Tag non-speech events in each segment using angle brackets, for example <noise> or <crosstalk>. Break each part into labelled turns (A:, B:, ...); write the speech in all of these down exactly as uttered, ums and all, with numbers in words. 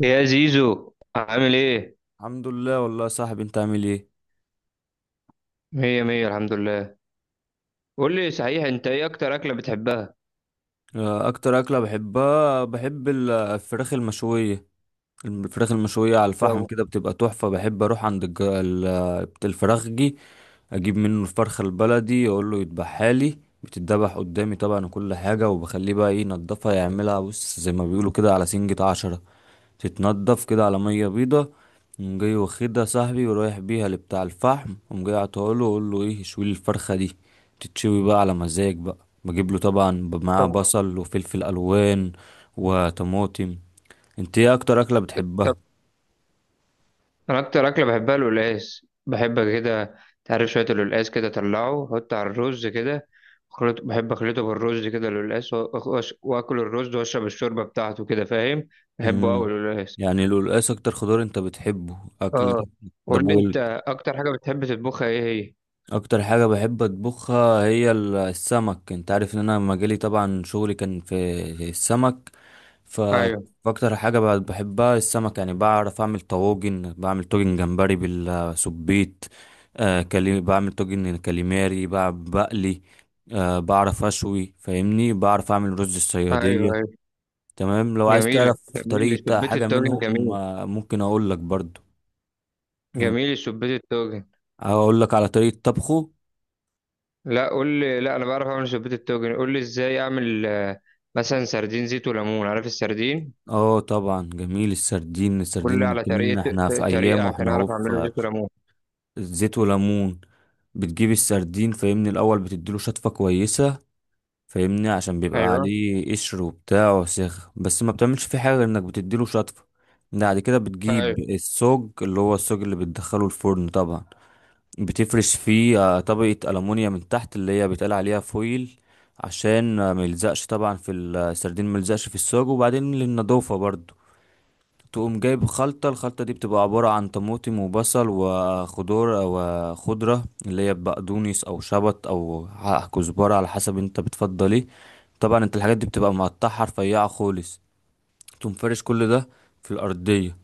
A: يا زيزو، عامل ايه؟
B: الحمد لله والله يا صاحبي، انت عامل ايه؟
A: مية مية، الحمد لله. قول لي صحيح، انت ايه اكتر اكلة بتحبها؟
B: آه، اكتر اكله بحبها، بحب ال- الفراخ المشويه. الفراخ المشويه على الفحم
A: طب.
B: كده بتبقى تحفه، بحب اروح عند الج- ال- بت- الفراخجي، اجيب منه الفرخه البلدي اقول له يذبحها لي. بتتذبح قدامي طبعا وكل حاجه، وبخليه بقى ايه ينضفها يعملها، بص زي ما بيقولوا كده على سنجة عشرة، تتنضف كده على ميه بيضه. قوم جاي واخدها صاحبي ورايح بيها لبتاع الفحم، قوم جاي عطاله وأقول له ايه شوي الفرخه دي، تتشوي بقى على مزاج بقى. بجيب له طبعا معاه
A: طب.
B: بصل وفلفل الوان وطماطم. انت ايه اكتر اكله
A: طب.
B: بتحبها؟
A: انا اكتر اكلة بحبها القلقاس، بحب كده، تعرف، شوية القلقاس كده طلعه، حط على الرز كده، خلط، بحب اخلطه بالرز كده، القلقاس وأ- وأش- واكل الرز واشرب الشوربة بتاعته كده، فاهم؟ بحبه
B: امم
A: قوي القلقاس.
B: يعني القلقاس اكتر خضار انت بتحبه
A: اه.
B: اكل؟ ده
A: قول لي انت،
B: بقول.
A: اكتر حاجة بتحب تطبخها ايه هي؟
B: اكتر حاجه بحب اطبخها هي ال- السمك، انت عارف ان انا مجالي طبعا شغلي كان في السمك. ف
A: ايوه،
B: فاكتر حاجة ب- بحبها السمك، يعني بعرف أعمل طواجن، بعمل طاجن جمبري بالسبيت. آه كلي... بعمل طاجن كاليماري، بع- بقلي. آه بعرف أشوي فاهمني، بعرف أعمل رز
A: ايوه،
B: الصيادية.
A: ايوه.
B: تمام، لو عايز
A: جميلة،
B: تعرف
A: جميل
B: طريقة
A: سبيت
B: حاجة
A: الطاجن،
B: منهم
A: جميل.
B: آه ممكن أقول لك برضو.
A: جميل سبيت الطاجن.
B: أقول لك على طريقة طبخه.
A: لا، قول لي، لا انا بعرف اعمل شوربه التوجن، قول لي ازاي اعمل، آه، مثلا سردين زيت وليمون، عارف السردين.
B: اه طبعا جميل السردين،
A: قول لي
B: السردين
A: على
B: كمان
A: طريقه،
B: احنا في
A: طريقه
B: أيام
A: عشان
B: واحنا هو
A: اعرف اعمله
B: في.
A: زيت وليمون.
B: زيت وليمون. بتجيب السردين فاهمني الاول، بتديله شطفه كويسه فاهمني، عشان بيبقى
A: ايوه،
B: عليه قشر وبتاع وسخ، بس ما بتعملش فيه حاجه غير انك بتديله شطفه. بعد كده
A: ايوه.
B: بتجيب السوج، اللي هو السوج اللي بتدخله الفرن طبعا. بتفرش فيه آه، طبقه ألمونيا من تحت، اللي هي بيتقال عليها فويل، عشان آه، ما يلزقش طبعا في ال- السردين، ما يلزقش في السوج، وبعدين للنضافه برضو. تقوم جايب خلطة، الخلطة دي بتبقى عبارة عن طماطم وبصل وخضار وخضرة، اللي هي بقدونس أو شبت أو ع- كزبرة، على حسب انت بتفضل ايه. طبعا انت الحاجات دي بتبقى مقطعها رفيعة خالص. تقوم فارش كل ده في الأرضية.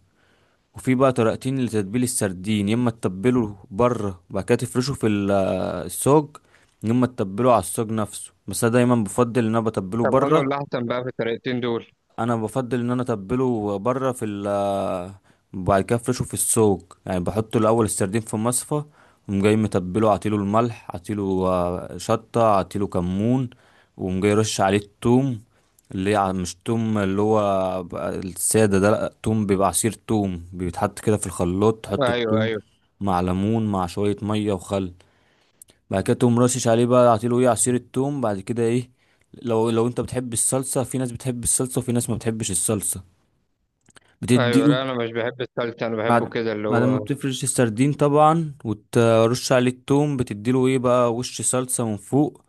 B: وفي بقى طريقتين لتتبيل السردين، يا اما تتبله بره وبعد كده تفرشه في ال- الصاج، يا اما تتبله على الصاج نفسه. بس انا دايما بفضل ان انا بتبله
A: طب، انا
B: بره.
A: ولا احسن بقى في الطريقتين دول؟
B: انا بفضل ان انا اتبله بره في ال بعد كده افرشه في السوق، يعني بحط الاول السردين في مصفى، وقوم جاي متبله عطيله الملح، عطيله آه، شطه، عطيله كمون، وقوم جاي رش عليه التوم، اللي هي ع- مش توم اللي هو بقى الساده ده، لا توم بيبقى عصير توم، بيتحط كده في الخلاط، تحط
A: ايوه،
B: التوم
A: ايوه،
B: مع ليمون مع شويه ميه وخل. بعد كده تقوم رشش عليه بقى، عطيله ايه عصير التوم. بعد كده ايه لو لو انت بتحب الصلصه، في ناس بتحب الصلصه وفي ناس ما بتحبش الصلصه،
A: ايوه.
B: بتديله.
A: لا انا مش بحب السلطه، انا بحبه
B: بعد
A: كده اللي
B: بعد ما
A: هو.
B: بتفرش السردين طبعا وترش عليه التوم، بتديله ايه بقى وش صلصه من فوق.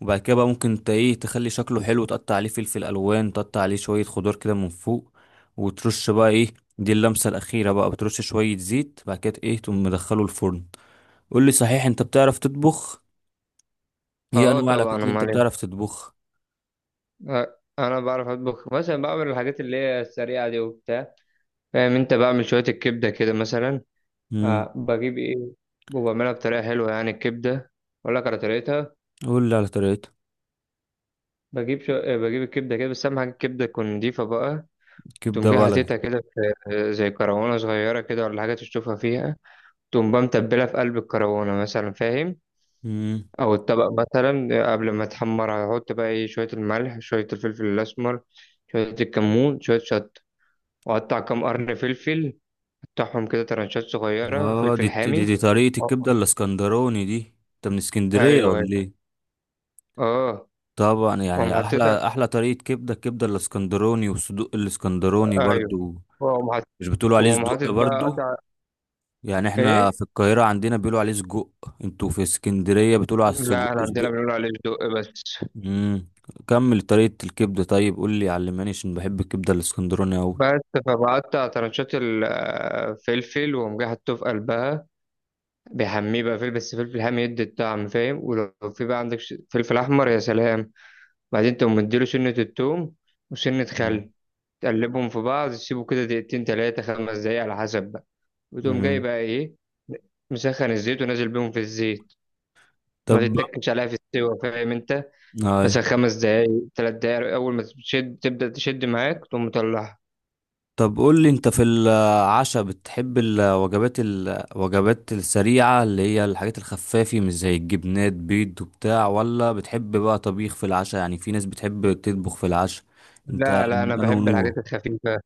B: وبعد كده بقى ممكن انت ايه تخلي شكله حلو، تقطع عليه فلفل الوان، تقطع عليه شويه خضار كده من فوق، وترش بقى ايه، دي اللمسه الاخيره بقى، بترش شويه زيت، بعد كده ايه تقوم مدخله الفرن. قول لي صحيح، انت بتعرف تطبخ؟ ايه
A: اه
B: انواع الاكلات
A: طبعا،
B: اللي انت
A: امال
B: بتعرف
A: إيه؟
B: تطبخ؟
A: آه، انا بعرف اطبخ مثلا، بعمل الحاجات اللي هي السريعه دي وبتاع، فاهم. انت بعمل شويه الكبده كده مثلا.
B: امم
A: آه بجيب ايه، وبعملها بطريقه حلوه يعني الكبده. اقول لك على طريقتها.
B: قول لي على طريقتها.
A: بجيب شو... آه، بجيب الكبدة كده، بس أهم حاجة الكبدة تكون نضيفة بقى. تقوم
B: كبده
A: جاي
B: بلدي.
A: حاططها كده في، آه، زي كروانة صغيرة كده ولا حاجة، تشطفها فيها. تقوم بقى متبلها في قلب الكروانة مثلا، فاهم.
B: امم
A: أو الطبق مثلا، آه، قبل ما تحمر هحط بقى إيه، شوية الملح، شوية الفلفل الأسمر، شوية الكمون، شوية شطة. وأقطع كام قرن فلفل، أقطعهم كده ترنشات صغيرة،
B: اه
A: فلفل
B: دي, دي
A: حامي.
B: دي طريقه
A: أه.
B: الكبده الاسكندراني دي. انت من
A: أيوه،
B: اسكندريه
A: أيوه.
B: ولا ايه؟
A: أه.
B: طبعا
A: وأقوم
B: يعني
A: حاططها.
B: احلى احلى طريقه كبده، الكبده الاسكندراني والصدوق الاسكندراني
A: أيوه.
B: برضو.
A: وأقوم حاطط
B: مش بتقولوا عليه
A: وأقوم
B: صدق
A: حاطط بقى
B: برضو؟
A: قطع.
B: يعني احنا
A: إيه.
B: في القاهره عندنا بيقولوا عليه سجق، انتوا في اسكندريه بتقولوا على
A: لا،
B: السجق
A: احنا عندنا بنقول
B: صدق.
A: عليه صدق بس
B: امم كمل طريقه الكبده طيب، قول لي علماني عشان بحب الكبده الاسكندراني قوي.
A: بس فبقطع ترنشات الفلفل، وقوم جاي حاطه في قلبها، بيحميه بقى فلفل، بس فلفل حامي يدي الطعم، فاهم. ولو في بقى عندك ش- فلفل احمر، يا سلام. بعدين تقوم مديله سنة التوم وسنة
B: مم.
A: خل، تقلبهم في بعض، تسيبه كده دقيقتين تلاتة خمس دقايق على حسب بقى. وتقوم جاي
B: مم.
A: بقى ايه، مسخن الزيت، ونازل بيهم في الزيت،
B: طب.
A: ما تتكش عليها في السوا، فاهم انت.
B: أي.
A: مثلا خمس دقايق، تلات دقايق، اول ما تشد، تبدأ تشد معاك، تقوم مطلعها.
B: طب قول لي انت، في العشاء بتحب الوجبات الوجبات السريعة اللي هي الحاجات الخفافي، مش زي الجبنات بيض وبتاع، ولا بتحب بقى طبيخ في العشاء؟ يعني في ناس بتحب تطبخ في العشاء. انت
A: لا، لا، انا
B: انا
A: بحب
B: ونور.
A: الحاجات الخفيفه.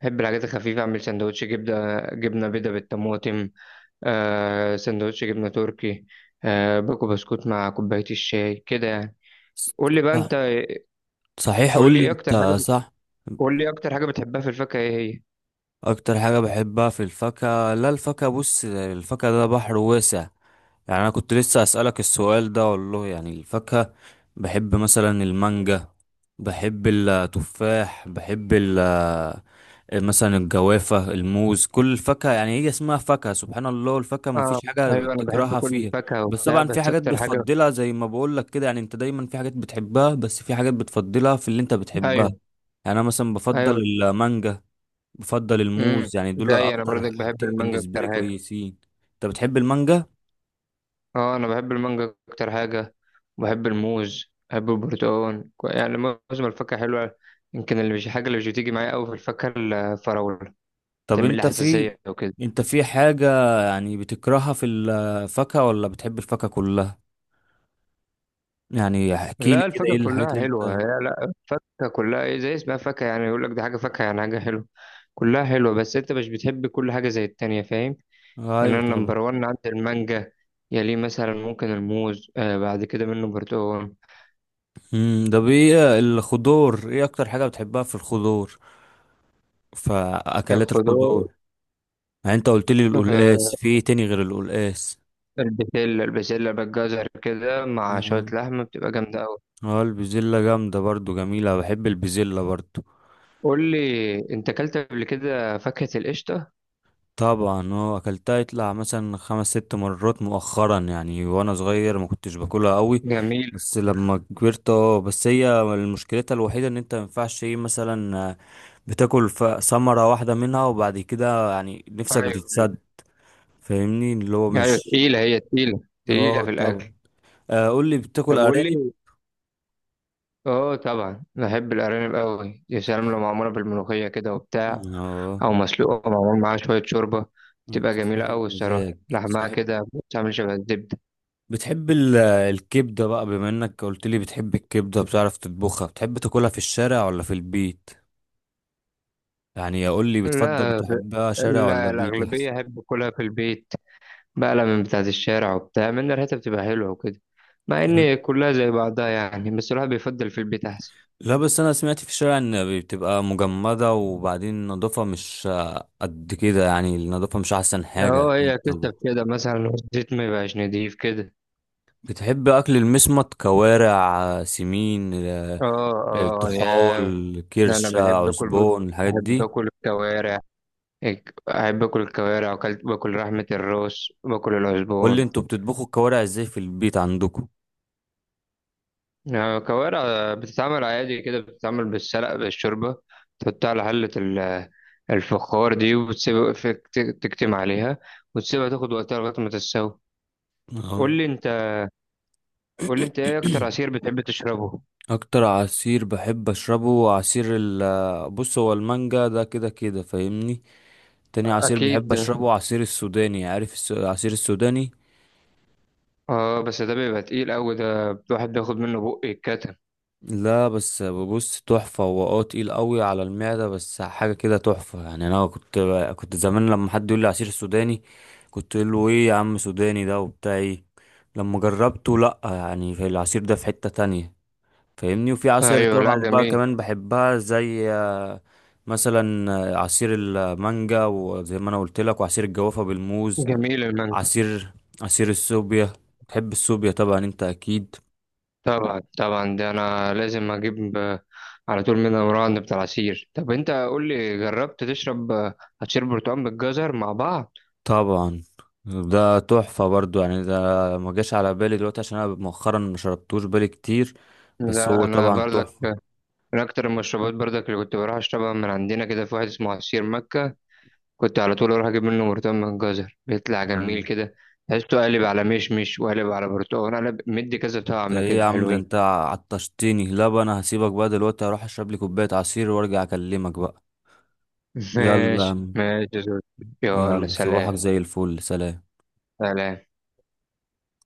A: بحب الحاجات الخفيفه، اعمل سندوتش جبنه جبنه بيضه بالطماطم. آه سندوتش جبنه تركي. آه باكو بسكوت مع كوبايه الشاي كده يعني. قول لي بقى
B: صح.
A: انت.
B: صحيح قول
A: قول لي
B: لي
A: ايه اكتر حاجه
B: انت، صح.
A: قول لي إيه اكتر حاجه بتحبها في الفاكهه، ايه هي؟
B: اكتر حاجة بحبها في الفاكهة، لا الفاكهة بص، الفاكهة ده بحر واسع. يعني انا كنت لسه اسألك السؤال ده والله. يعني الفاكهة بحب مثلا المانجا، بحب التفاح، بحب ال آه، مثلا الجوافة، الموز، كل الفاكهة، يعني هي اسمها فاكهة سبحان الله، الفاكهة ما
A: اه.
B: فيش حاجة
A: ايوه، انا بحب
B: بتكرهها
A: كل
B: فيها.
A: الفاكهه
B: بس
A: وبتاع،
B: طبعا في
A: بس
B: حاجات
A: اكتر حاجه.
B: بتفضلها، زي ما بقول لك كده. يعني انت دايما في حاجات بتحبها، بس في حاجات بتفضلها في اللي انت بتحبها.
A: ايوه،
B: يعني انا مثلا بفضل
A: ايوه.
B: المانجا، بفضل
A: امم.
B: الموز، يعني دول
A: زي انا
B: اكتر
A: برضك، بحب
B: حاجتين
A: المانجا
B: بالنسبه لي
A: اكتر حاجه.
B: كويسين. انت بتحب المانجا؟
A: اه، انا بحب المانجا اكتر حاجه. وبحب الموز، بحب البرتقال، كو- يعني معظم الفاكهه حلوه. يمكن اللي مش حاجه اللي مش بتيجي معايا قوي في الفاكهه الفراوله،
B: طب
A: بتعمل لي
B: انت في،
A: حساسيه وكده.
B: انت في حاجه يعني بتكرهها في الفاكهه، ولا بتحب الفاكهه كلها؟ يعني احكي لي
A: لا،
B: كده ايه
A: الفاكهه
B: الحاجات
A: كلها
B: اللي
A: حلوه هي.
B: انت.
A: لا، الفاكهه كلها ايه، زي اسمها فاكهه، يعني يقول لك دي حاجه فاكهه، يعني حاجه حلوه. كلها حلوه، بس انت مش بتحب كل حاجه زي التانية، فاهم؟ يعني
B: ايوه
A: انا
B: طبعا.
A: نمبر واحد عندي المانجا، يليه مثلا ممكن الموز، آه بعد كده منه برتقال.
B: امم ده ايه الخضار، ايه اكتر حاجه بتحبها في الخضار؟ فاكلات
A: الخضار.
B: الخضار. يعني انت قلت لي القلقاس، في ايه تاني غير القلقاس؟
A: البسلة البسلة بالجزر كده مع شوية
B: اه
A: لحمة بتبقى جامدة أوي.
B: آه، البزلة جامدة برضو، جميلة، بحب البزلة برضو.
A: قول لي أنت، أكلت قبل كده فاكهة القشطة؟
B: طبعا اه اكلتها يطلع مثلا خمس ست مرات مؤخرا، يعني وانا صغير ما كنتش باكلها قوي.
A: جميلة.
B: بس لما كبرت اه، بس هي مشكلتها الوحيده ان انت ما ينفعش ايه مثلا آه، بتاكل ف- ثمره واحده منها، وبعد كده يعني نفسك
A: أيوة،
B: بتتسد، فاهمني اللي هو
A: أيوة،
B: مش.
A: تقيلة، هي تقيلة، تقيلة
B: اه
A: في الأكل.
B: طبعا. آه، قول لي بتاكل
A: طب قول
B: ارانب؟
A: لي، أه طبعا بحب الأرانب أوي، يا سلام لو معمولة بالملوخية كده وبتاع.
B: اه
A: أو مسلوقة ومعمول معاها شوية شوربة، بتبقى
B: انت
A: جميلة
B: صاحب
A: أوي الصراحة،
B: مزاج.
A: لحمها
B: صاحب،
A: كده بتعمل شبه الزبدة.
B: بتحب ال- الكبدة بقى بما انك قلت لي بتحب الكبدة بتعرف تطبخها، بتحب تاكلها في الشارع ولا في البيت؟ يعني اقول لي بتفضل
A: لا،
B: بتحبها شارع ولا
A: لا،
B: بيت احسن؟
A: الأغلبية أحب أكلها في البيت، بقلة من بتاعة الشارع وبتاع، من ريحتها بتبقى حلوة وكده، مع إن كلها زي بعضها يعني، بس الواحد بيفضل في البيت أحسن.
B: لا بس انا سمعت في الشارع ان بتبقى مجمدة، وبعدين النظافة مش قد كده، يعني النظافة مش احسن حاجة
A: اه،
B: اكيد
A: هي
B: طبعا.
A: كتف كده مثلا والزيت ما يبقاش نضيف كده.
B: بتحب اكل المسمط، كوارع، سمين، آه،
A: اه، اه، يا.
B: الطحال،
A: ده أنا
B: كرشة،
A: بحب آكل بط-
B: عزبون، الحاجات
A: بحب
B: دي؟
A: آكل الكوارع. إك- بحب آكل الكوارع، وأكلت، باكل لحمة الراس، باكل
B: قول لي
A: العزبون.
B: انتوا بتطبخوا الكوارع ازاي في البيت عندكم؟
A: آه، كوارع بتتعمل عادي كده، بتتعمل بالسلق بالشوربة. تحطها على حلة ال- الفخار دي، وتسيبها في- تك- تكتم عليها، وتسيبها تاخد وقتها لغاية ما تستوي.
B: اه.
A: قول لي انت. قول لي انت، ايه اكتر عصير بتحب تشربه؟
B: اكتر عصير بحب اشربه عصير ال بص هو المانجا ده كده كده فاهمني. تاني عصير بحب
A: اكيد.
B: اشربه عصير السوداني، عارف الس- العصير السوداني؟
A: اه، بس ده بيبقى تقيل قوي ده، الواحد بياخد منه بق يتكتم.
B: لا بس بص تحفة هو، اه تقيل قوي على المعدة بس حاجة كده تحفة. يعني انا كنت كنت زمان لما حد يقول لي عصير السوداني، كنت اقول له ايه يا عم سوداني ده وبتاع ايه. لما جربته، لا يعني في العصير ده في حتة تانية فاهمني. وفي عصاير
A: ايوه، لا
B: طبعا بقى
A: جميل،
B: كمان بحبها، زي آه، مثلا آه، عصير المانجا، وزي ما انا قلت لك وعصير الجوافة بالموز.
A: جميل المانجا.
B: عصير، عصير السوبيا. بتحب السوبيا طبعا انت اكيد.
A: طبعا، طبعا، ده انا لازم اجيب، آه، على طول من الراند بتاع العصير. طب انت قول لي، جربت تشرب آه، عصير برتقال بالجزر مع بعض؟
B: طبعا ده تحفة برضو، يعني ده ما جاش على بالي دلوقتي عشان انا مؤخرا ما شربتوش بالي كتير. بس
A: لا
B: هو
A: انا
B: طبعا
A: بردك،
B: تحفة.
A: من اكتر المشروبات بردك اللي كنت بروح اشربها، من عندنا كده في واحد اسمه عصير مكة، كنت على طول اروح اجيب منه برتقال من الجزر، بيطلع جميل
B: مم.
A: كده، تحسه قالب على مشمش وقالب على برتقال، قالب مدي كذا
B: انت
A: طعم
B: ايه
A: كده
B: يا عم، ده
A: حلوين.
B: انت عطشتني. لا بقى انا هسيبك بقى دلوقتي، اروح اشرب لي كوباية عصير وارجع اكلمك بقى.
A: <laughs>
B: يلا يا
A: ماشي
B: عم.
A: ماشي يا زوز. يلا،
B: يلا، صباحك
A: سلام.
B: زي الفل، سلام.
A: سلام.